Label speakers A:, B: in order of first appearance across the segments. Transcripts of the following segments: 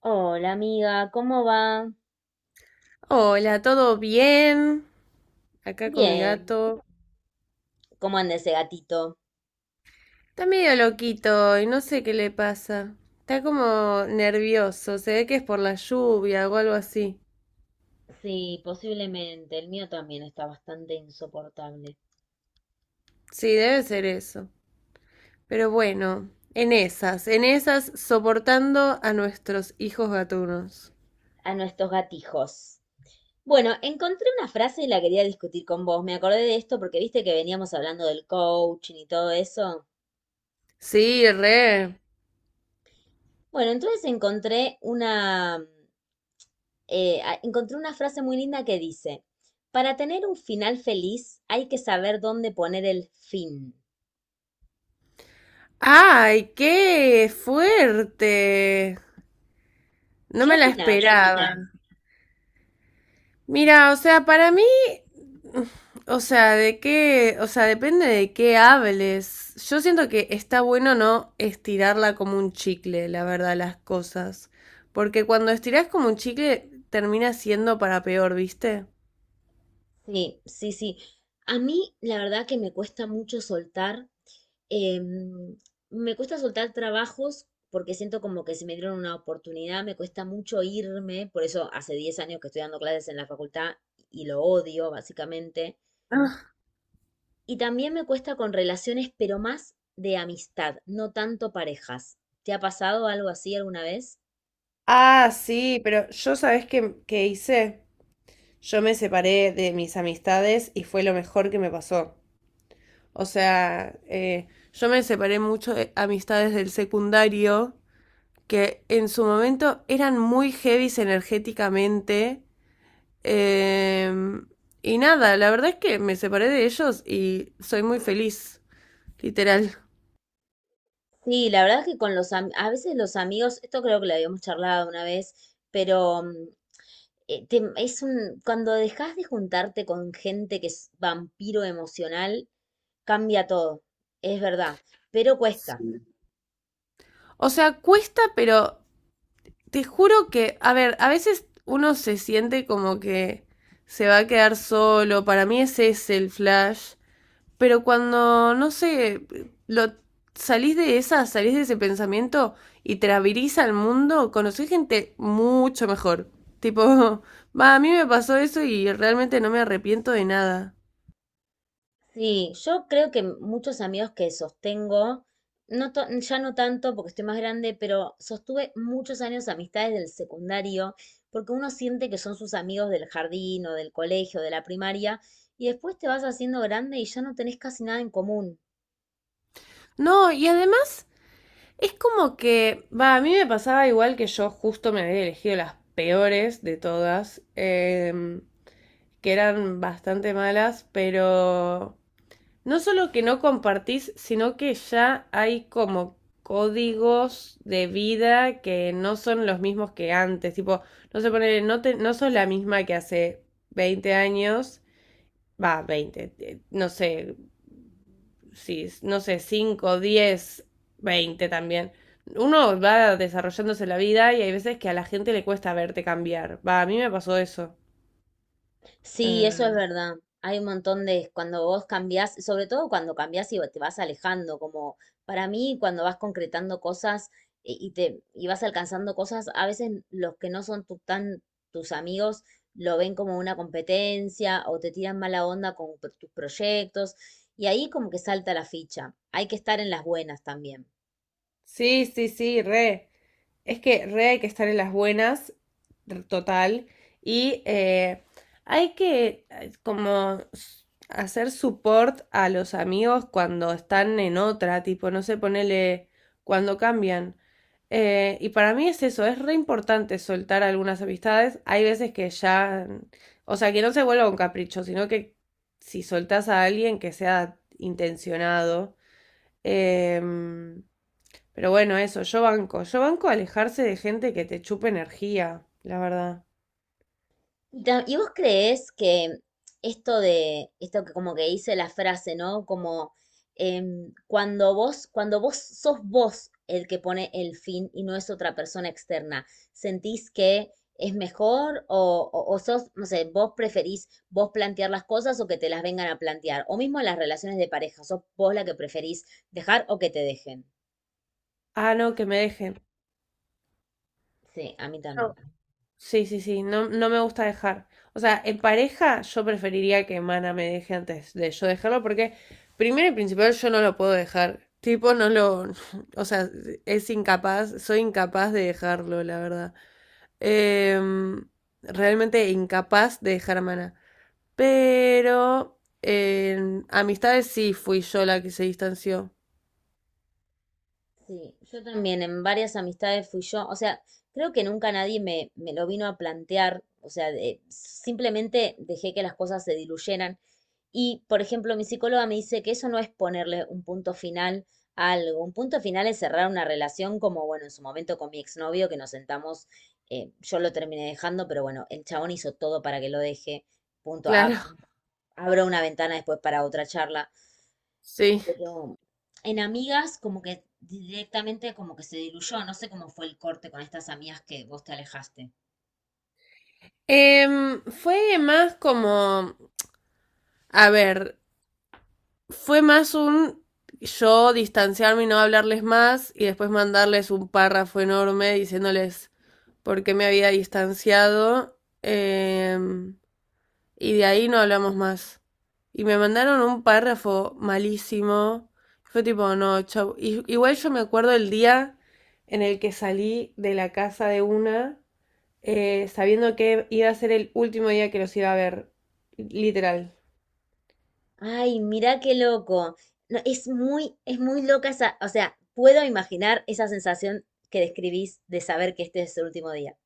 A: Hola amiga, ¿cómo va?
B: Hola, ¿todo bien? Acá con mi
A: Bien,
B: gato.
A: ¿cómo anda ese gatito?
B: Está medio loquito y no sé qué le pasa. Está como nervioso, se ve que es por la lluvia o algo así.
A: Sí, posiblemente. El mío también está bastante insoportable.
B: Sí, debe ser eso. Pero bueno, en esas, soportando a nuestros hijos gatunos.
A: A nuestros gatijos. Bueno, encontré una frase y la quería discutir con vos. Me acordé de esto porque viste que veníamos hablando del coaching y todo eso.
B: Sí, re.
A: Bueno, entonces encontré una, encontré una frase muy linda que dice, para tener un final feliz hay que saber dónde poner el fin.
B: ¡Ay, qué fuerte! No
A: ¿Qué
B: me la
A: opinás?
B: esperaba. Mira, o sea, para mí O sea, o sea, depende de qué hables. Yo siento que está bueno no estirarla como un chicle, la verdad, las cosas. Porque cuando estirás como un chicle, termina siendo para peor, ¿viste?
A: Sí, sí, sí. A mí la verdad que me cuesta mucho soltar, em, me cuesta soltar trabajos porque siento como que si me dieron una oportunidad, me cuesta mucho irme, por eso hace 10 años que estoy dando clases en la facultad y lo odio básicamente.
B: Ah,
A: Y también me cuesta con relaciones, pero más de amistad, no tanto parejas. ¿Te ha pasado algo así alguna vez?
B: ah, sí, pero yo sabes qué hice. Yo me separé de mis amistades y fue lo mejor que me pasó. O sea, yo me separé mucho de amistades del secundario que en su momento eran muy heavies energéticamente. eh, y nada, la verdad es que me separé de ellos y soy muy feliz, literal.
A: Sí, la verdad es que con a veces los amigos, esto creo que lo habíamos charlado una vez, pero es un, cuando dejas de juntarte con gente que es vampiro emocional, cambia todo, es verdad, pero cuesta.
B: O sea, cuesta, pero te juro que, a ver, a veces uno se siente como que se va a quedar solo. Para mí ese es el flash. Pero cuando, no sé, lo salís de ese pensamiento y te abrís al mundo, conocés gente mucho mejor. Tipo, va, a mí me pasó eso y realmente no me arrepiento de nada.
A: Sí, yo creo que muchos amigos que sostengo, ya no tanto porque estoy más grande, pero sostuve muchos años amistades del secundario, porque uno siente que son sus amigos del jardín o del colegio, de la primaria, y después te vas haciendo grande y ya no tenés casi nada en común.
B: No, y además es como que, va, a mí me pasaba igual que yo justo me había elegido las peores de todas, que eran bastante malas, pero no solo que no compartís, sino que ya hay como códigos de vida que no son los mismos que antes. Tipo, no se pone, no, te, no sos la misma que hace 20 años, va, 20, no sé, sí, no sé, 5, 10, 20 también. Uno va desarrollándose la vida y hay veces que a la gente le cuesta verte cambiar. Va, a mí me pasó eso.
A: Sí, eso es
B: Em,
A: verdad. Hay un montón de, cuando vos cambiás, sobre todo cuando cambiás y te vas alejando, como para mí cuando vas concretando cosas y vas alcanzando cosas, a veces los que no son tu- tan tus amigos lo ven como una competencia o te tiran mala onda con tus proyectos y ahí como que salta la ficha. Hay que estar en las buenas también.
B: sí, sí, sí, re. Es que re hay que estar en las buenas, total, y hay que como hacer support a los amigos cuando están en otra, tipo, no sé, ponele cuando cambian. Y para mí es eso, es re importante soltar algunas amistades. Hay veces que ya, o sea, que no se vuelva un capricho, sino que si soltás a alguien que sea intencionado. Em, pero bueno, eso, yo banco. Yo banco alejarse de gente que te chupe energía, la verdad.
A: ¿Y vos creés que esto de, esto que como que dice la frase, ¿no? Como cuando vos sos vos el que pone el fin y no es otra persona externa, ¿sentís que es mejor o sos, no sé, vos preferís vos plantear las cosas o que te las vengan a plantear? O mismo en las relaciones de pareja, ¿sos vos la que preferís dejar o que te dejen?
B: Ah, no, que me dejen.
A: Sí, a mí
B: Yo.
A: también.
B: Sí, sí, sí, no, no me gusta dejar. O sea, en pareja yo preferiría que Mana me deje antes de yo dejarlo porque primero y principal yo no lo puedo dejar. Tipo, no lo o sea, es incapaz, soy incapaz de dejarlo, la verdad. Em, realmente incapaz de dejar a Mana. Pero en amistades sí fui yo la que se distanció.
A: Sí, yo también en varias amistades fui yo, o sea, creo que nunca nadie me, me lo vino a plantear, o sea, simplemente dejé que las cosas se diluyeran. Y, por ejemplo, mi psicóloga me dice que eso no es ponerle un punto final a algo, un punto final es cerrar una relación como, bueno, en su momento con mi exnovio, que nos sentamos, yo lo terminé dejando, pero bueno, el chabón hizo todo para que lo deje, punto, ab-
B: Claro,
A: abro una ventana después para otra charla
B: sí.
A: pero en amigas como que directamente como que se diluyó, no sé cómo fue el corte con estas amigas que vos te alejaste.
B: Fue más como, a ver, fue más un yo distanciarme y no hablarles más y después mandarles un párrafo enorme diciéndoles por qué me había distanciado, y de ahí no hablamos más. Y me mandaron un párrafo malísimo. Fue tipo, no, chau. Igual yo me acuerdo el día en el que salí de la casa de una, sabiendo que iba a ser el último día que los iba a ver, literal.
A: Ay, mirá qué loco. No, es muy loca esa, o sea, puedo imaginar esa sensación que describís de saber que este es el último día.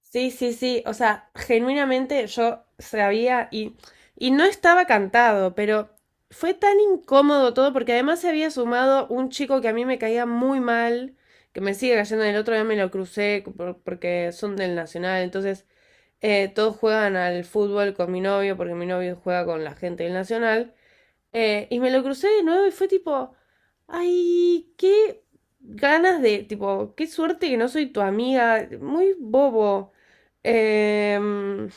B: Sí, sí, sí, o sea, genuinamente yo sabía y no estaba cantado, pero fue tan incómodo todo porque además se había sumado un chico que a mí me caía muy mal, que me sigue cayendo. El otro día me lo crucé porque son del Nacional, entonces todos juegan al fútbol con mi novio porque mi novio juega con la gente del Nacional. Y me lo crucé de nuevo y fue tipo, ay, qué ganas de, tipo, qué suerte que no soy tu amiga, muy bobo. Em,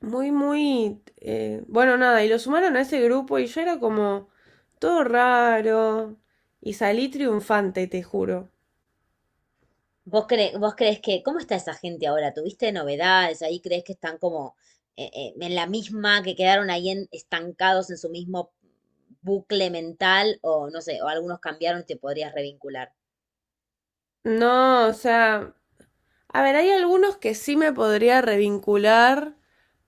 B: muy, muy, bueno, nada, y lo sumaron a ese grupo y yo era como todo raro y salí triunfante, te juro.
A: Vos crees que, cómo está esa gente ahora? ¿Tuviste novedades ahí? ¿Crees que están como en la misma, que quedaron estancados en su mismo bucle mental? O no sé, o algunos cambiaron y te podrías revincular.
B: No, o sea, a ver, hay algunos que sí me podría revincular,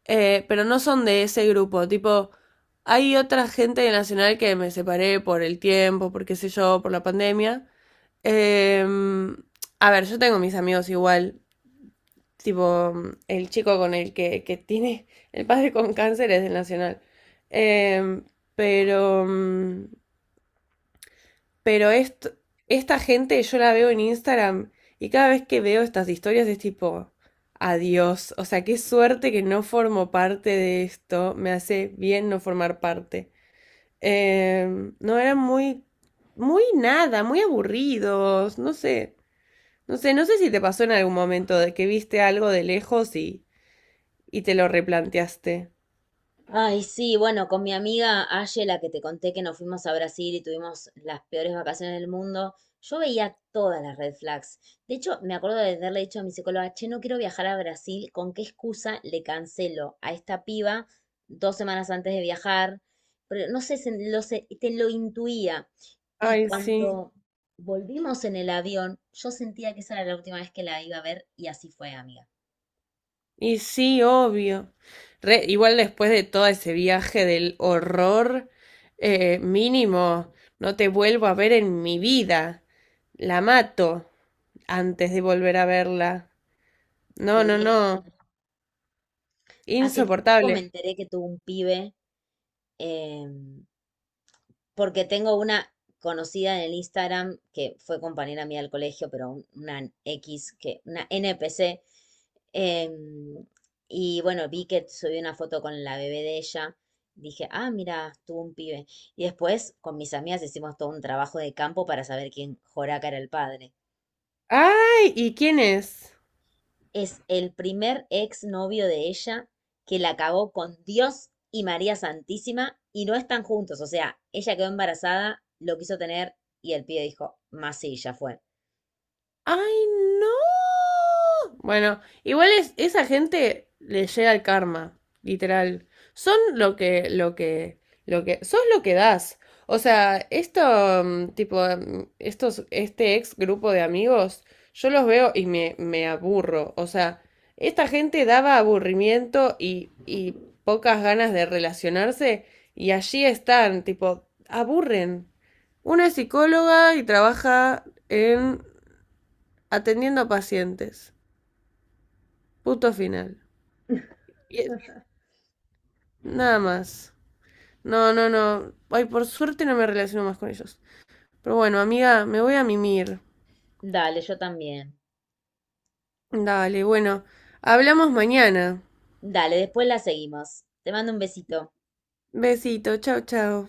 B: pero no son de ese grupo. Tipo, hay otra gente de Nacional que me separé por el tiempo, por qué sé yo, por la pandemia. Eh, a ver, yo tengo mis amigos igual. Tipo, el chico con el que tiene el padre con cáncer es del Nacional. Eh, pero mm, pero est- Esta gente yo la veo en Instagram y cada vez que veo estas historias es tipo, adiós. O sea, qué suerte que no formo parte de esto. Me hace bien no formar parte. No, eran muy, muy nada, muy aburridos. No sé si te pasó en algún momento de que viste algo de lejos y te lo replanteaste.
A: Ay, sí, bueno, con mi amiga Aye, la que te conté que nos fuimos a Brasil y tuvimos las peores vacaciones del mundo, yo veía todas las red flags. De hecho, me acuerdo de haberle dicho a mi psicóloga, che, no quiero viajar a Brasil, ¿con qué excusa le cancelo a esta piba dos semanas antes de viajar? Pero no sé, te lo intuía. Y
B: Ay, sí.
A: cuando volvimos en el avión, yo sentía que esa era la última vez que la iba a ver y así fue, amiga.
B: Y sí, obvio. Igual después de todo ese viaje del horror, mínimo, no te vuelvo a ver en mi vida. La mato antes de volver a verla. No, no,
A: Sí,
B: no.
A: hace poco
B: Insoportable.
A: me enteré que tuvo un pibe. em, Porque tengo una conocida en el Instagram que fue compañera mía del colegio, pero una X, que, una NPC. em, y bueno, vi que subí una foto con la bebé de ella. Dije, ah, mira, tuvo un pibe. Y después con mis amigas hicimos todo un trabajo de campo para saber quién Joraca era el padre.
B: ¡Ay! ¿Y quién es?
A: Es el primer exnovio de ella que la cagó con Dios y María Santísima y no están juntos. O sea, ella quedó embarazada, lo quiso tener y el pibe dijo, más sí, ya fue.
B: ¡Ay, no! Bueno, igual es, esa gente le llega el karma, literal. Son lo que, lo que, lo que, sos lo que das. O sea, esto, tipo, este ex grupo de amigos, yo los veo y me aburro. O sea, esta gente daba aburrimiento y pocas ganas de relacionarse y allí están, tipo, aburren. Una es psicóloga y trabaja en atendiendo a pacientes. Punto final. Y es- nada más. No, no, no. Ay, por suerte no me relaciono más con ellos. Pero bueno, amiga, me voy a mimir.
A: Dale, yo también.
B: Dale, bueno. Hablamos mañana.
A: Dale, después la seguimos. Te mando un besito.
B: Besito, chao, chao.